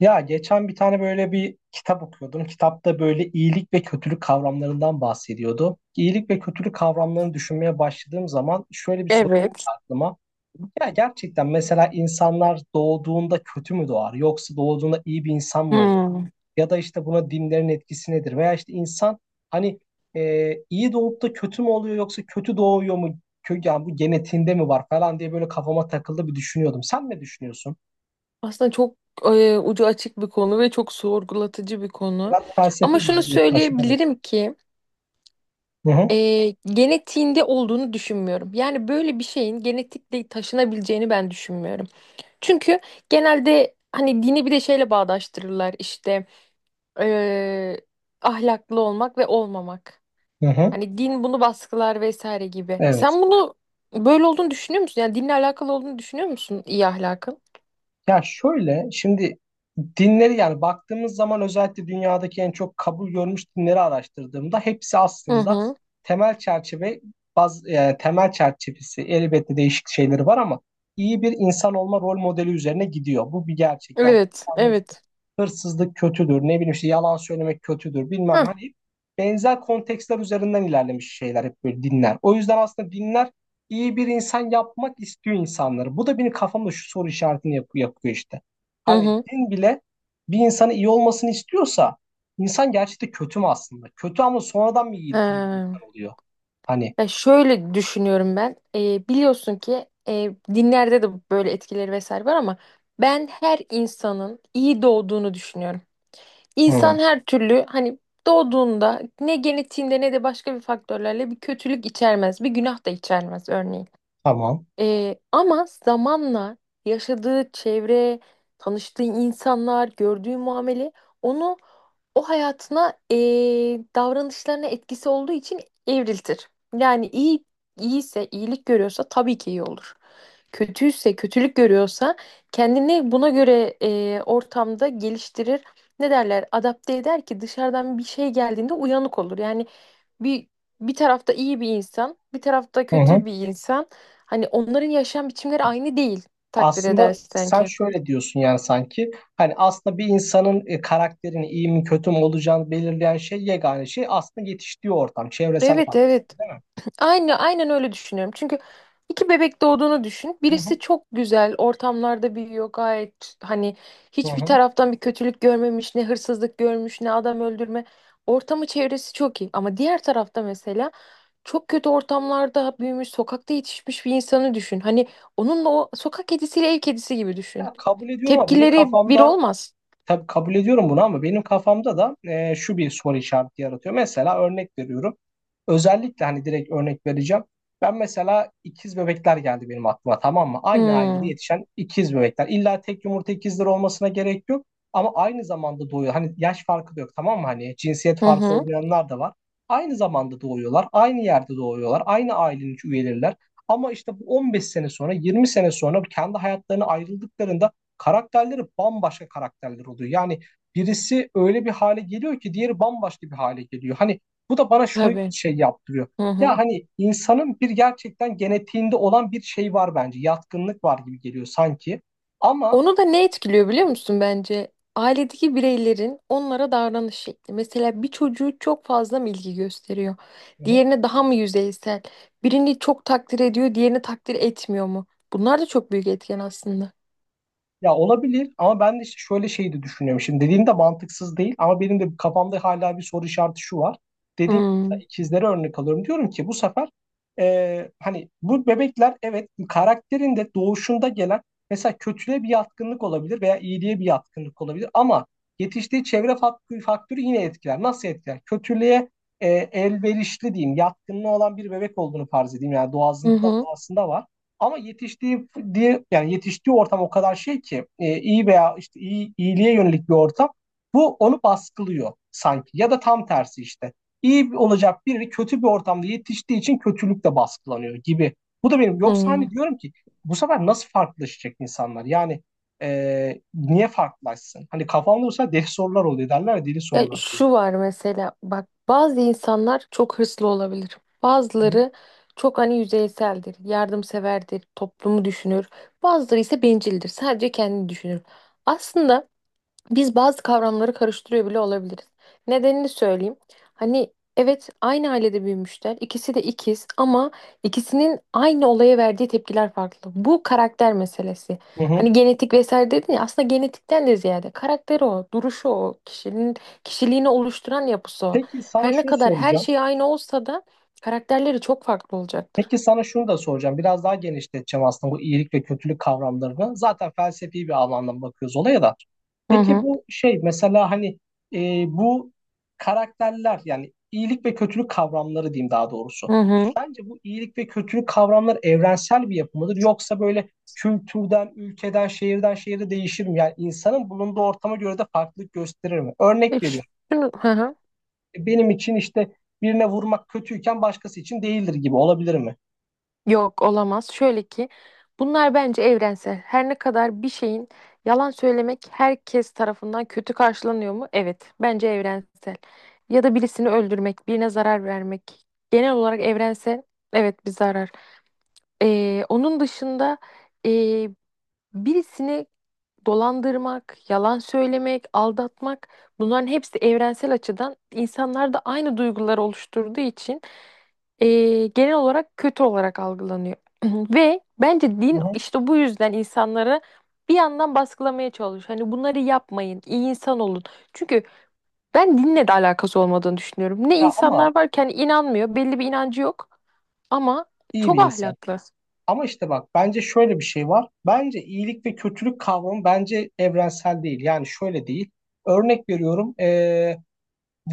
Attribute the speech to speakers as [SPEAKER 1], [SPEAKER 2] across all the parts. [SPEAKER 1] Ya geçen bir tane böyle bir kitap okuyordum. Kitapta böyle iyilik ve kötülük kavramlarından bahsediyordu. İyilik ve kötülük kavramlarını düşünmeye başladığım zaman şöyle bir soru geldi
[SPEAKER 2] Evet.
[SPEAKER 1] aklıma. Ya gerçekten mesela insanlar doğduğunda kötü mü doğar yoksa doğduğunda iyi bir insan mı olur?
[SPEAKER 2] Hmm.
[SPEAKER 1] Ya da işte buna dinlerin etkisi nedir? Veya işte insan hani iyi doğup da kötü mü oluyor yoksa kötü doğuyor mu? Yani bu genetiğinde mi var falan diye böyle kafama takıldı bir düşünüyordum. Sen ne düşünüyorsun?
[SPEAKER 2] Aslında çok ucu açık bir konu ve çok sorgulatıcı bir konu.
[SPEAKER 1] Biraz felsefi
[SPEAKER 2] Ama şunu
[SPEAKER 1] bir yaklaşım, evet.
[SPEAKER 2] söyleyebilirim ki
[SPEAKER 1] Hı hı,
[SPEAKER 2] genetiğinde olduğunu düşünmüyorum. Yani böyle bir şeyin genetikle taşınabileceğini ben düşünmüyorum. Çünkü genelde hani dini bir de şeyle bağdaştırırlar işte, e, ahlaklı olmak ve olmamak.
[SPEAKER 1] hı hı.
[SPEAKER 2] Hani din bunu baskılar vesaire gibi.
[SPEAKER 1] Evet.
[SPEAKER 2] Sen bunu böyle olduğunu düşünüyor musun? Yani dinle alakalı olduğunu düşünüyor musun iyi ahlakın?
[SPEAKER 1] Ya şöyle şimdi dinleri yani baktığımız zaman özellikle dünyadaki en çok kabul görmüş dinleri araştırdığımda hepsi
[SPEAKER 2] Hı
[SPEAKER 1] aslında
[SPEAKER 2] hı.
[SPEAKER 1] temel çerçeve yani temel çerçevesi elbette değişik şeyleri var ama iyi bir insan olma rol modeli üzerine gidiyor. Bu bir gerçek. Yani
[SPEAKER 2] Evet,
[SPEAKER 1] insanlar işte
[SPEAKER 2] evet.
[SPEAKER 1] hırsızlık kötüdür, ne bileyim işte yalan söylemek kötüdür bilmem
[SPEAKER 2] Hı
[SPEAKER 1] ne. Hani benzer kontekstler üzerinden ilerlemiş şeyler hep böyle dinler. O yüzden aslında dinler iyi bir insan yapmak istiyor insanları. Bu da benim kafamda şu soru işaretini yapıyor işte.
[SPEAKER 2] hı.
[SPEAKER 1] Hani
[SPEAKER 2] Hı.
[SPEAKER 1] din bile bir insanın iyi olmasını istiyorsa insan gerçekten kötü mü aslında? Kötü ama sonradan mı iyi, iyi bir
[SPEAKER 2] Ee,
[SPEAKER 1] insan oluyor? Hani
[SPEAKER 2] Ya şöyle düşünüyorum ben. Biliyorsun ki dinlerde de böyle etkileri vesaire var, ama ben her insanın iyi doğduğunu düşünüyorum.
[SPEAKER 1] hı,
[SPEAKER 2] İnsan her türlü hani doğduğunda ne genetiğinde ne de başka bir faktörlerle bir kötülük içermez, bir günah da içermez örneğin.
[SPEAKER 1] tamam.
[SPEAKER 2] Ama zamanla yaşadığı çevre, tanıştığı insanlar, gördüğü muamele onu o hayatına, davranışlarına etkisi olduğu için evriltir. Yani iyiyse, iyilik görüyorsa tabii ki iyi olur. Kötüyse, kötülük görüyorsa kendini buna göre, ortamda geliştirir. Ne derler? Adapte eder ki dışarıdan bir şey geldiğinde uyanık olur. Yani bir bir tarafta iyi bir insan, bir tarafta
[SPEAKER 1] Hı
[SPEAKER 2] kötü
[SPEAKER 1] hı.
[SPEAKER 2] bir insan. Hani onların yaşam biçimleri aynı değil takdir
[SPEAKER 1] Aslında
[SPEAKER 2] edersen
[SPEAKER 1] sen
[SPEAKER 2] ki.
[SPEAKER 1] şöyle diyorsun yani sanki hani aslında bir insanın karakterini iyi mi kötü mü olacağını belirleyen şey, yegane şey aslında yetiştiği ortam, çevresel
[SPEAKER 2] Evet,
[SPEAKER 1] faktör,
[SPEAKER 2] evet.
[SPEAKER 1] değil mi?
[SPEAKER 2] Aynı
[SPEAKER 1] Tamam.
[SPEAKER 2] aynen öyle düşünüyorum. Çünkü iki bebek doğduğunu düşün.
[SPEAKER 1] Hı
[SPEAKER 2] Birisi
[SPEAKER 1] hı,
[SPEAKER 2] çok güzel ortamlarda büyüyor, gayet hani
[SPEAKER 1] hı
[SPEAKER 2] hiçbir
[SPEAKER 1] hı.
[SPEAKER 2] taraftan bir kötülük görmemiş, ne hırsızlık görmüş, ne adam öldürme. Ortamı çevresi çok iyi. Ama diğer tarafta mesela çok kötü ortamlarda büyümüş, sokakta yetişmiş bir insanı düşün. Hani onunla, o sokak kedisiyle ev kedisi gibi düşün.
[SPEAKER 1] Ya kabul ediyorum ama benim
[SPEAKER 2] Tepkileri bir
[SPEAKER 1] kafamda
[SPEAKER 2] olmaz.
[SPEAKER 1] Tabii kabul ediyorum bunu ama benim kafamda da şu bir soru işareti yaratıyor. Mesela örnek veriyorum. Özellikle hani direkt örnek vereceğim. Ben mesela ikiz bebekler geldi benim aklıma, tamam mı? Aynı ailede
[SPEAKER 2] Hmm.
[SPEAKER 1] yetişen ikiz bebekler. İlla tek yumurta ikizleri olmasına gerek yok. Ama aynı zamanda doğuyor. Hani yaş farkı da yok, tamam mı? Hani cinsiyet
[SPEAKER 2] Hı
[SPEAKER 1] farkı
[SPEAKER 2] hı.
[SPEAKER 1] olmayanlar da var. Aynı zamanda doğuyorlar. Aynı yerde doğuyorlar. Aynı ailenin üyeleriler. Ama işte bu 15 sene sonra, 20 sene sonra kendi hayatlarına ayrıldıklarında karakterleri bambaşka karakterler oluyor. Yani birisi öyle bir hale geliyor ki diğeri bambaşka bir hale geliyor. Hani bu da bana şunu
[SPEAKER 2] Tabii.
[SPEAKER 1] şey yaptırıyor.
[SPEAKER 2] Hı hı.
[SPEAKER 1] Ya hani insanın bir gerçekten genetiğinde olan bir şey var bence. Yatkınlık var gibi geliyor sanki. Ama
[SPEAKER 2] Onu da ne etkiliyor biliyor musun bence? Ailedeki bireylerin onlara davranış şekli. Mesela bir çocuğu çok fazla mı ilgi gösteriyor?
[SPEAKER 1] hı hı.
[SPEAKER 2] Diğerine daha mı yüzeysel? Birini çok takdir ediyor, diğerini takdir etmiyor mu? Bunlar da çok büyük etken aslında.
[SPEAKER 1] Ya olabilir ama ben de işte şöyle şey de düşünüyorum. Şimdi dediğin de mantıksız değil ama benim de kafamda hala bir soru işareti şu var. Dediğim gibi
[SPEAKER 2] Hmm.
[SPEAKER 1] mesela ikizlere örnek alıyorum. Diyorum ki bu sefer hani bu bebekler evet karakterinde doğuşunda gelen mesela kötülüğe bir yatkınlık olabilir veya iyiliğe bir yatkınlık olabilir ama yetiştiği çevre faktörü yine etkiler. Nasıl etkiler? Kötülüğe elverişli diyeyim, yatkınlığı olan bir bebek olduğunu farz edeyim. Yani
[SPEAKER 2] Hı
[SPEAKER 1] doğasında,
[SPEAKER 2] hı.
[SPEAKER 1] doğasında var. Ama yetiştiği diye yani yetiştiği ortam o kadar şey ki iyi veya işte iyi, iyiliğe yönelik bir ortam bu onu baskılıyor sanki ya da tam tersi işte. İyi olacak biri kötü bir ortamda yetiştiği için kötülük de baskılanıyor gibi. Bu da benim yoksa
[SPEAKER 2] Hmm.
[SPEAKER 1] hani diyorum ki bu sefer nasıl farklılaşacak insanlar? Yani niye farklılaşsın? Hani kafamda olsa deli sorular oluyor, derler ya deli
[SPEAKER 2] Ya
[SPEAKER 1] sorular diye.
[SPEAKER 2] şu var, mesela bak, bazı insanlar çok hırslı olabilir.
[SPEAKER 1] Hı hı.
[SPEAKER 2] Bazıları çok hani yüzeyseldir, yardımseverdir, toplumu düşünür. Bazıları ise bencildir, sadece kendini düşünür. Aslında biz bazı kavramları karıştırıyor bile olabiliriz. Nedenini söyleyeyim. Hani evet, aynı ailede büyümüşler. İkisi de ikiz, ama ikisinin aynı olaya verdiği tepkiler farklı. Bu karakter meselesi.
[SPEAKER 1] Hı hı.
[SPEAKER 2] Hani genetik vesaire dedin ya, aslında genetikten de ziyade karakteri o, duruşu o, kişinin kişiliğini oluşturan yapısı o.
[SPEAKER 1] Peki sana
[SPEAKER 2] Her ne
[SPEAKER 1] şunu
[SPEAKER 2] kadar her
[SPEAKER 1] soracağım.
[SPEAKER 2] şey aynı olsa da karakterleri çok farklı olacaktır.
[SPEAKER 1] Peki sana şunu da soracağım. Biraz daha genişleteceğim aslında bu iyilik ve kötülük kavramlarını. Zaten felsefi bir alandan bakıyoruz olaya da.
[SPEAKER 2] Hı
[SPEAKER 1] Peki
[SPEAKER 2] hı.
[SPEAKER 1] bu şey mesela hani bu karakterler, yani iyilik ve kötülük kavramları diyeyim daha
[SPEAKER 2] Hı
[SPEAKER 1] doğrusu.
[SPEAKER 2] hı.
[SPEAKER 1] Sence bu iyilik ve kötülük kavramları evrensel bir yapı mıdır yoksa böyle kültürden, ülkeden, şehirden şehire değişir mi? Yani insanın bulunduğu ortama göre de farklılık gösterir mi? Örnek veriyorum.
[SPEAKER 2] Hı hı.
[SPEAKER 1] Benim için işte birine vurmak kötüyken başkası için değildir gibi olabilir mi?
[SPEAKER 2] Yok, olamaz. Şöyle ki bunlar bence evrensel. Her ne kadar bir şeyin, yalan söylemek herkes tarafından kötü karşılanıyor mu? Evet, bence evrensel. Ya da birisini öldürmek, birine zarar vermek. Genel olarak evrensel. Evet, bir zarar. Onun dışında birisini dolandırmak, yalan söylemek, aldatmak, bunların hepsi evrensel açıdan insanlarda aynı duyguları oluşturduğu için, genel olarak kötü olarak algılanıyor. Ve bence din işte bu yüzden insanları bir yandan baskılamaya çalışıyor. Hani bunları yapmayın, iyi insan olun. Çünkü ben dinle de alakası olmadığını düşünüyorum. Ne
[SPEAKER 1] Ya ama
[SPEAKER 2] insanlar var ki hani inanmıyor, belli bir inancı yok ama
[SPEAKER 1] iyi bir
[SPEAKER 2] çok
[SPEAKER 1] insan.
[SPEAKER 2] ahlaklı.
[SPEAKER 1] Ama işte bak bence şöyle bir şey var. Bence iyilik ve kötülük kavramı bence evrensel değil. Yani şöyle değil. Örnek veriyorum.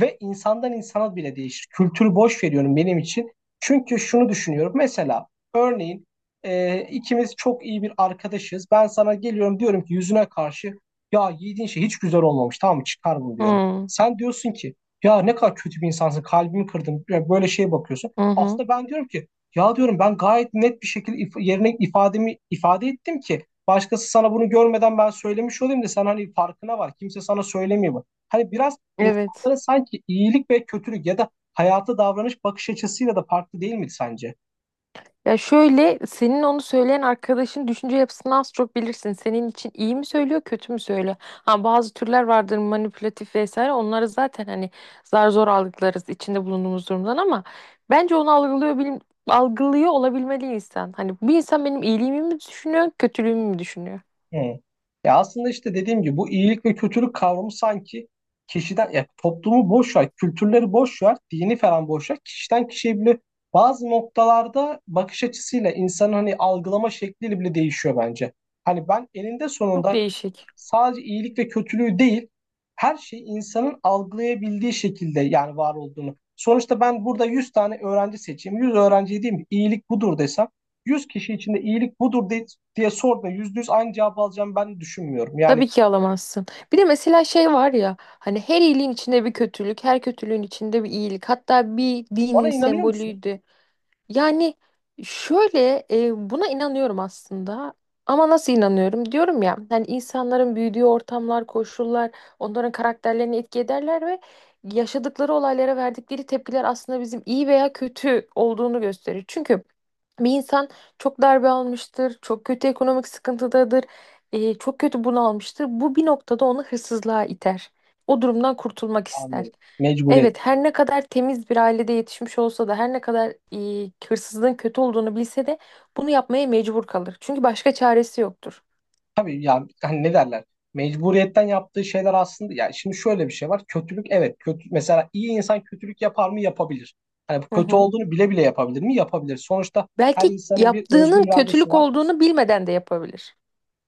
[SPEAKER 1] Ve insandan insana bile değişir. Kültürü boş veriyorum benim için. Çünkü şunu düşünüyorum. Mesela örneğin ikimiz çok iyi bir arkadaşız. Ben sana geliyorum diyorum ki yüzüne karşı ya yediğin şey hiç güzel olmamış, tamam mı, çıkar bunu diyorum.
[SPEAKER 2] Hmm.
[SPEAKER 1] Sen diyorsun ki ya ne kadar kötü bir insansın, kalbimi kırdın. Ya böyle şeye bakıyorsun.
[SPEAKER 2] Hı hı.
[SPEAKER 1] Aslında ben diyorum ki ya diyorum ben gayet net bir şekilde yerine ifademi ifade ettim ki başkası sana bunu görmeden ben söylemiş olayım da sen hani farkına var. Kimse sana söylemiyor bu. Hani biraz
[SPEAKER 2] Evet.
[SPEAKER 1] insanlara sanki iyilik ve kötülük ya da hayata davranış bakış açısıyla da farklı, değil mi sence?
[SPEAKER 2] Ya şöyle, senin onu söyleyen arkadaşın düşünce yapısını az çok bilirsin. Senin için iyi mi söylüyor, kötü mü söylüyor? Ha, bazı türler vardır manipülatif vesaire. Onları zaten hani zar zor algılarız içinde bulunduğumuz durumdan, ama bence onu algılıyor bilim, algılıyor olabilmeli insan. Hani bir insan benim iyiliğimi mi düşünüyor, kötülüğümü mü düşünüyor?
[SPEAKER 1] Hı. Ya aslında işte dediğim gibi bu iyilik ve kötülük kavramı sanki kişiden, ya toplumu boş ver, kültürleri boş ver, dini falan boş ver. Kişiden kişiye bile bazı noktalarda bakış açısıyla insanın hani algılama şekliyle bile değişiyor bence. Hani ben eninde
[SPEAKER 2] Çok
[SPEAKER 1] sonunda
[SPEAKER 2] değişik.
[SPEAKER 1] sadece iyilik ve kötülüğü değil, her şey insanın algılayabildiği şekilde yani var olduğunu. Sonuçta ben burada 100 tane öğrenci seçeyim. 100 öğrenciye diyeyim ki iyilik budur desem, 100 kişi içinde diye sorduğunda 100 aynı cevabı alacağım ben düşünmüyorum. Yani
[SPEAKER 2] Tabii ki alamazsın. Bir de mesela şey var ya hani, her iyiliğin içinde bir kötülük, her kötülüğün içinde bir iyilik. Hatta bir
[SPEAKER 1] ona
[SPEAKER 2] dinin
[SPEAKER 1] inanıyor musun?
[SPEAKER 2] sembolüydü. Yani şöyle, buna inanıyorum aslında. Ama nasıl inanıyorum? Diyorum ya hani insanların büyüdüğü ortamlar, koşullar onların karakterlerini etki ederler ve yaşadıkları olaylara verdikleri tepkiler aslında bizim iyi veya kötü olduğunu gösterir. Çünkü bir insan çok darbe almıştır, çok kötü ekonomik sıkıntıdadır, çok kötü bunalmıştır. Bu bir noktada onu hırsızlığa iter. O durumdan kurtulmak ister.
[SPEAKER 1] Anlıyorum. Mecburiyet.
[SPEAKER 2] Evet, her ne kadar temiz bir ailede yetişmiş olsa da, her ne kadar hırsızlığın kötü olduğunu bilse de bunu yapmaya mecbur kalır. Çünkü başka çaresi yoktur.
[SPEAKER 1] Tabii, ya hani ne derler? Mecburiyetten yaptığı şeyler aslında, ya şimdi şöyle bir şey var. Kötülük evet kötü, mesela iyi insan kötülük yapar mı? Yapabilir. Hani bu
[SPEAKER 2] Hı
[SPEAKER 1] kötü
[SPEAKER 2] hı.
[SPEAKER 1] olduğunu bile bile yapabilir mi? Yapabilir. Sonuçta her
[SPEAKER 2] Belki
[SPEAKER 1] insanın bir özgür
[SPEAKER 2] yaptığının
[SPEAKER 1] iradesi
[SPEAKER 2] kötülük
[SPEAKER 1] var.
[SPEAKER 2] olduğunu bilmeden de yapabilir.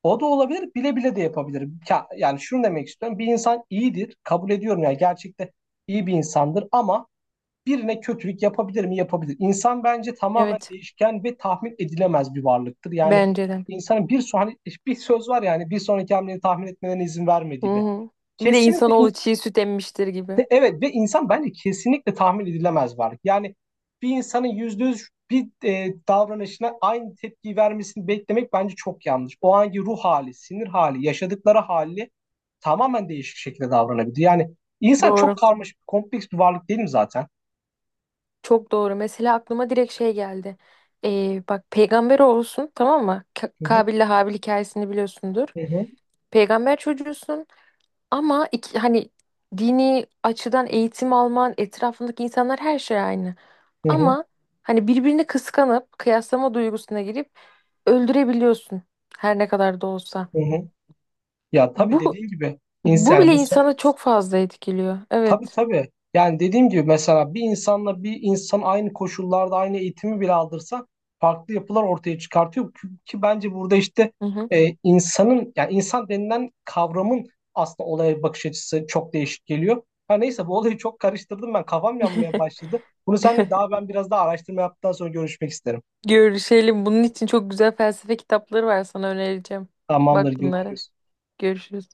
[SPEAKER 1] O da olabilir, bile bile de yapabilir. Yani şunu demek istiyorum. Bir insan iyidir, kabul ediyorum yani gerçekte iyi bir insandır ama birine kötülük yapabilir mi? Yapabilir. İnsan bence tamamen
[SPEAKER 2] Evet,
[SPEAKER 1] değişken ve tahmin edilemez bir varlıktır. Yani
[SPEAKER 2] bence de.
[SPEAKER 1] insanın bir son, hani bir söz var yani bir sonraki hamleni tahmin etmelerine izin
[SPEAKER 2] Hı
[SPEAKER 1] vermediği bir.
[SPEAKER 2] hı. Bir de
[SPEAKER 1] Kesinlikle
[SPEAKER 2] insanoğlu çiğ süt emmiştir gibi.
[SPEAKER 1] evet, ve insan bence kesinlikle tahmin edilemez varlık. Yani bir insanın %100 bir davranışına aynı tepkiyi vermesini beklemek bence çok yanlış. O anki ruh hali, sinir hali, yaşadıkları hali tamamen değişik şekilde davranabilir. Yani insan çok
[SPEAKER 2] Doğru.
[SPEAKER 1] karmaşık, kompleks bir varlık, değil mi zaten?
[SPEAKER 2] Çok doğru. Mesela aklıma direkt şey geldi. Bak, peygamber olsun, tamam mı?
[SPEAKER 1] Hı hı,
[SPEAKER 2] Kabil'le Habil hikayesini biliyorsundur.
[SPEAKER 1] hı hı.
[SPEAKER 2] Peygamber çocuğusun. Ama iki, hani dini açıdan eğitim alman, etrafındaki insanlar, her şey aynı.
[SPEAKER 1] Hı hı.
[SPEAKER 2] Ama hani birbirini kıskanıp kıyaslama duygusuna girip öldürebiliyorsun her ne kadar da olsa.
[SPEAKER 1] Hı hı. Ya tabii
[SPEAKER 2] Bu
[SPEAKER 1] dediğin gibi
[SPEAKER 2] bu
[SPEAKER 1] insan yani
[SPEAKER 2] bile insanı çok fazla etkiliyor.
[SPEAKER 1] tabii
[SPEAKER 2] Evet.
[SPEAKER 1] tabii. Yani dediğim gibi mesela bir insanla bir insan aynı koşullarda aynı eğitimi bile aldırsa farklı yapılar ortaya çıkartıyor ki, ki bence burada işte
[SPEAKER 2] Hı hı.
[SPEAKER 1] insanın yani insan denilen kavramın aslında olaya bakış açısı çok değişik geliyor. Ha neyse, bu olayı çok karıştırdım, ben kafam yanmaya başladı. Bunu seninle daha ben biraz daha araştırma yaptıktan sonra görüşmek isterim.
[SPEAKER 2] Görüşelim. Bunun için çok güzel felsefe kitapları var, sana önereceğim.
[SPEAKER 1] Tamamdır,
[SPEAKER 2] Bak bunlara.
[SPEAKER 1] görüşürüz.
[SPEAKER 2] Görüşürüz.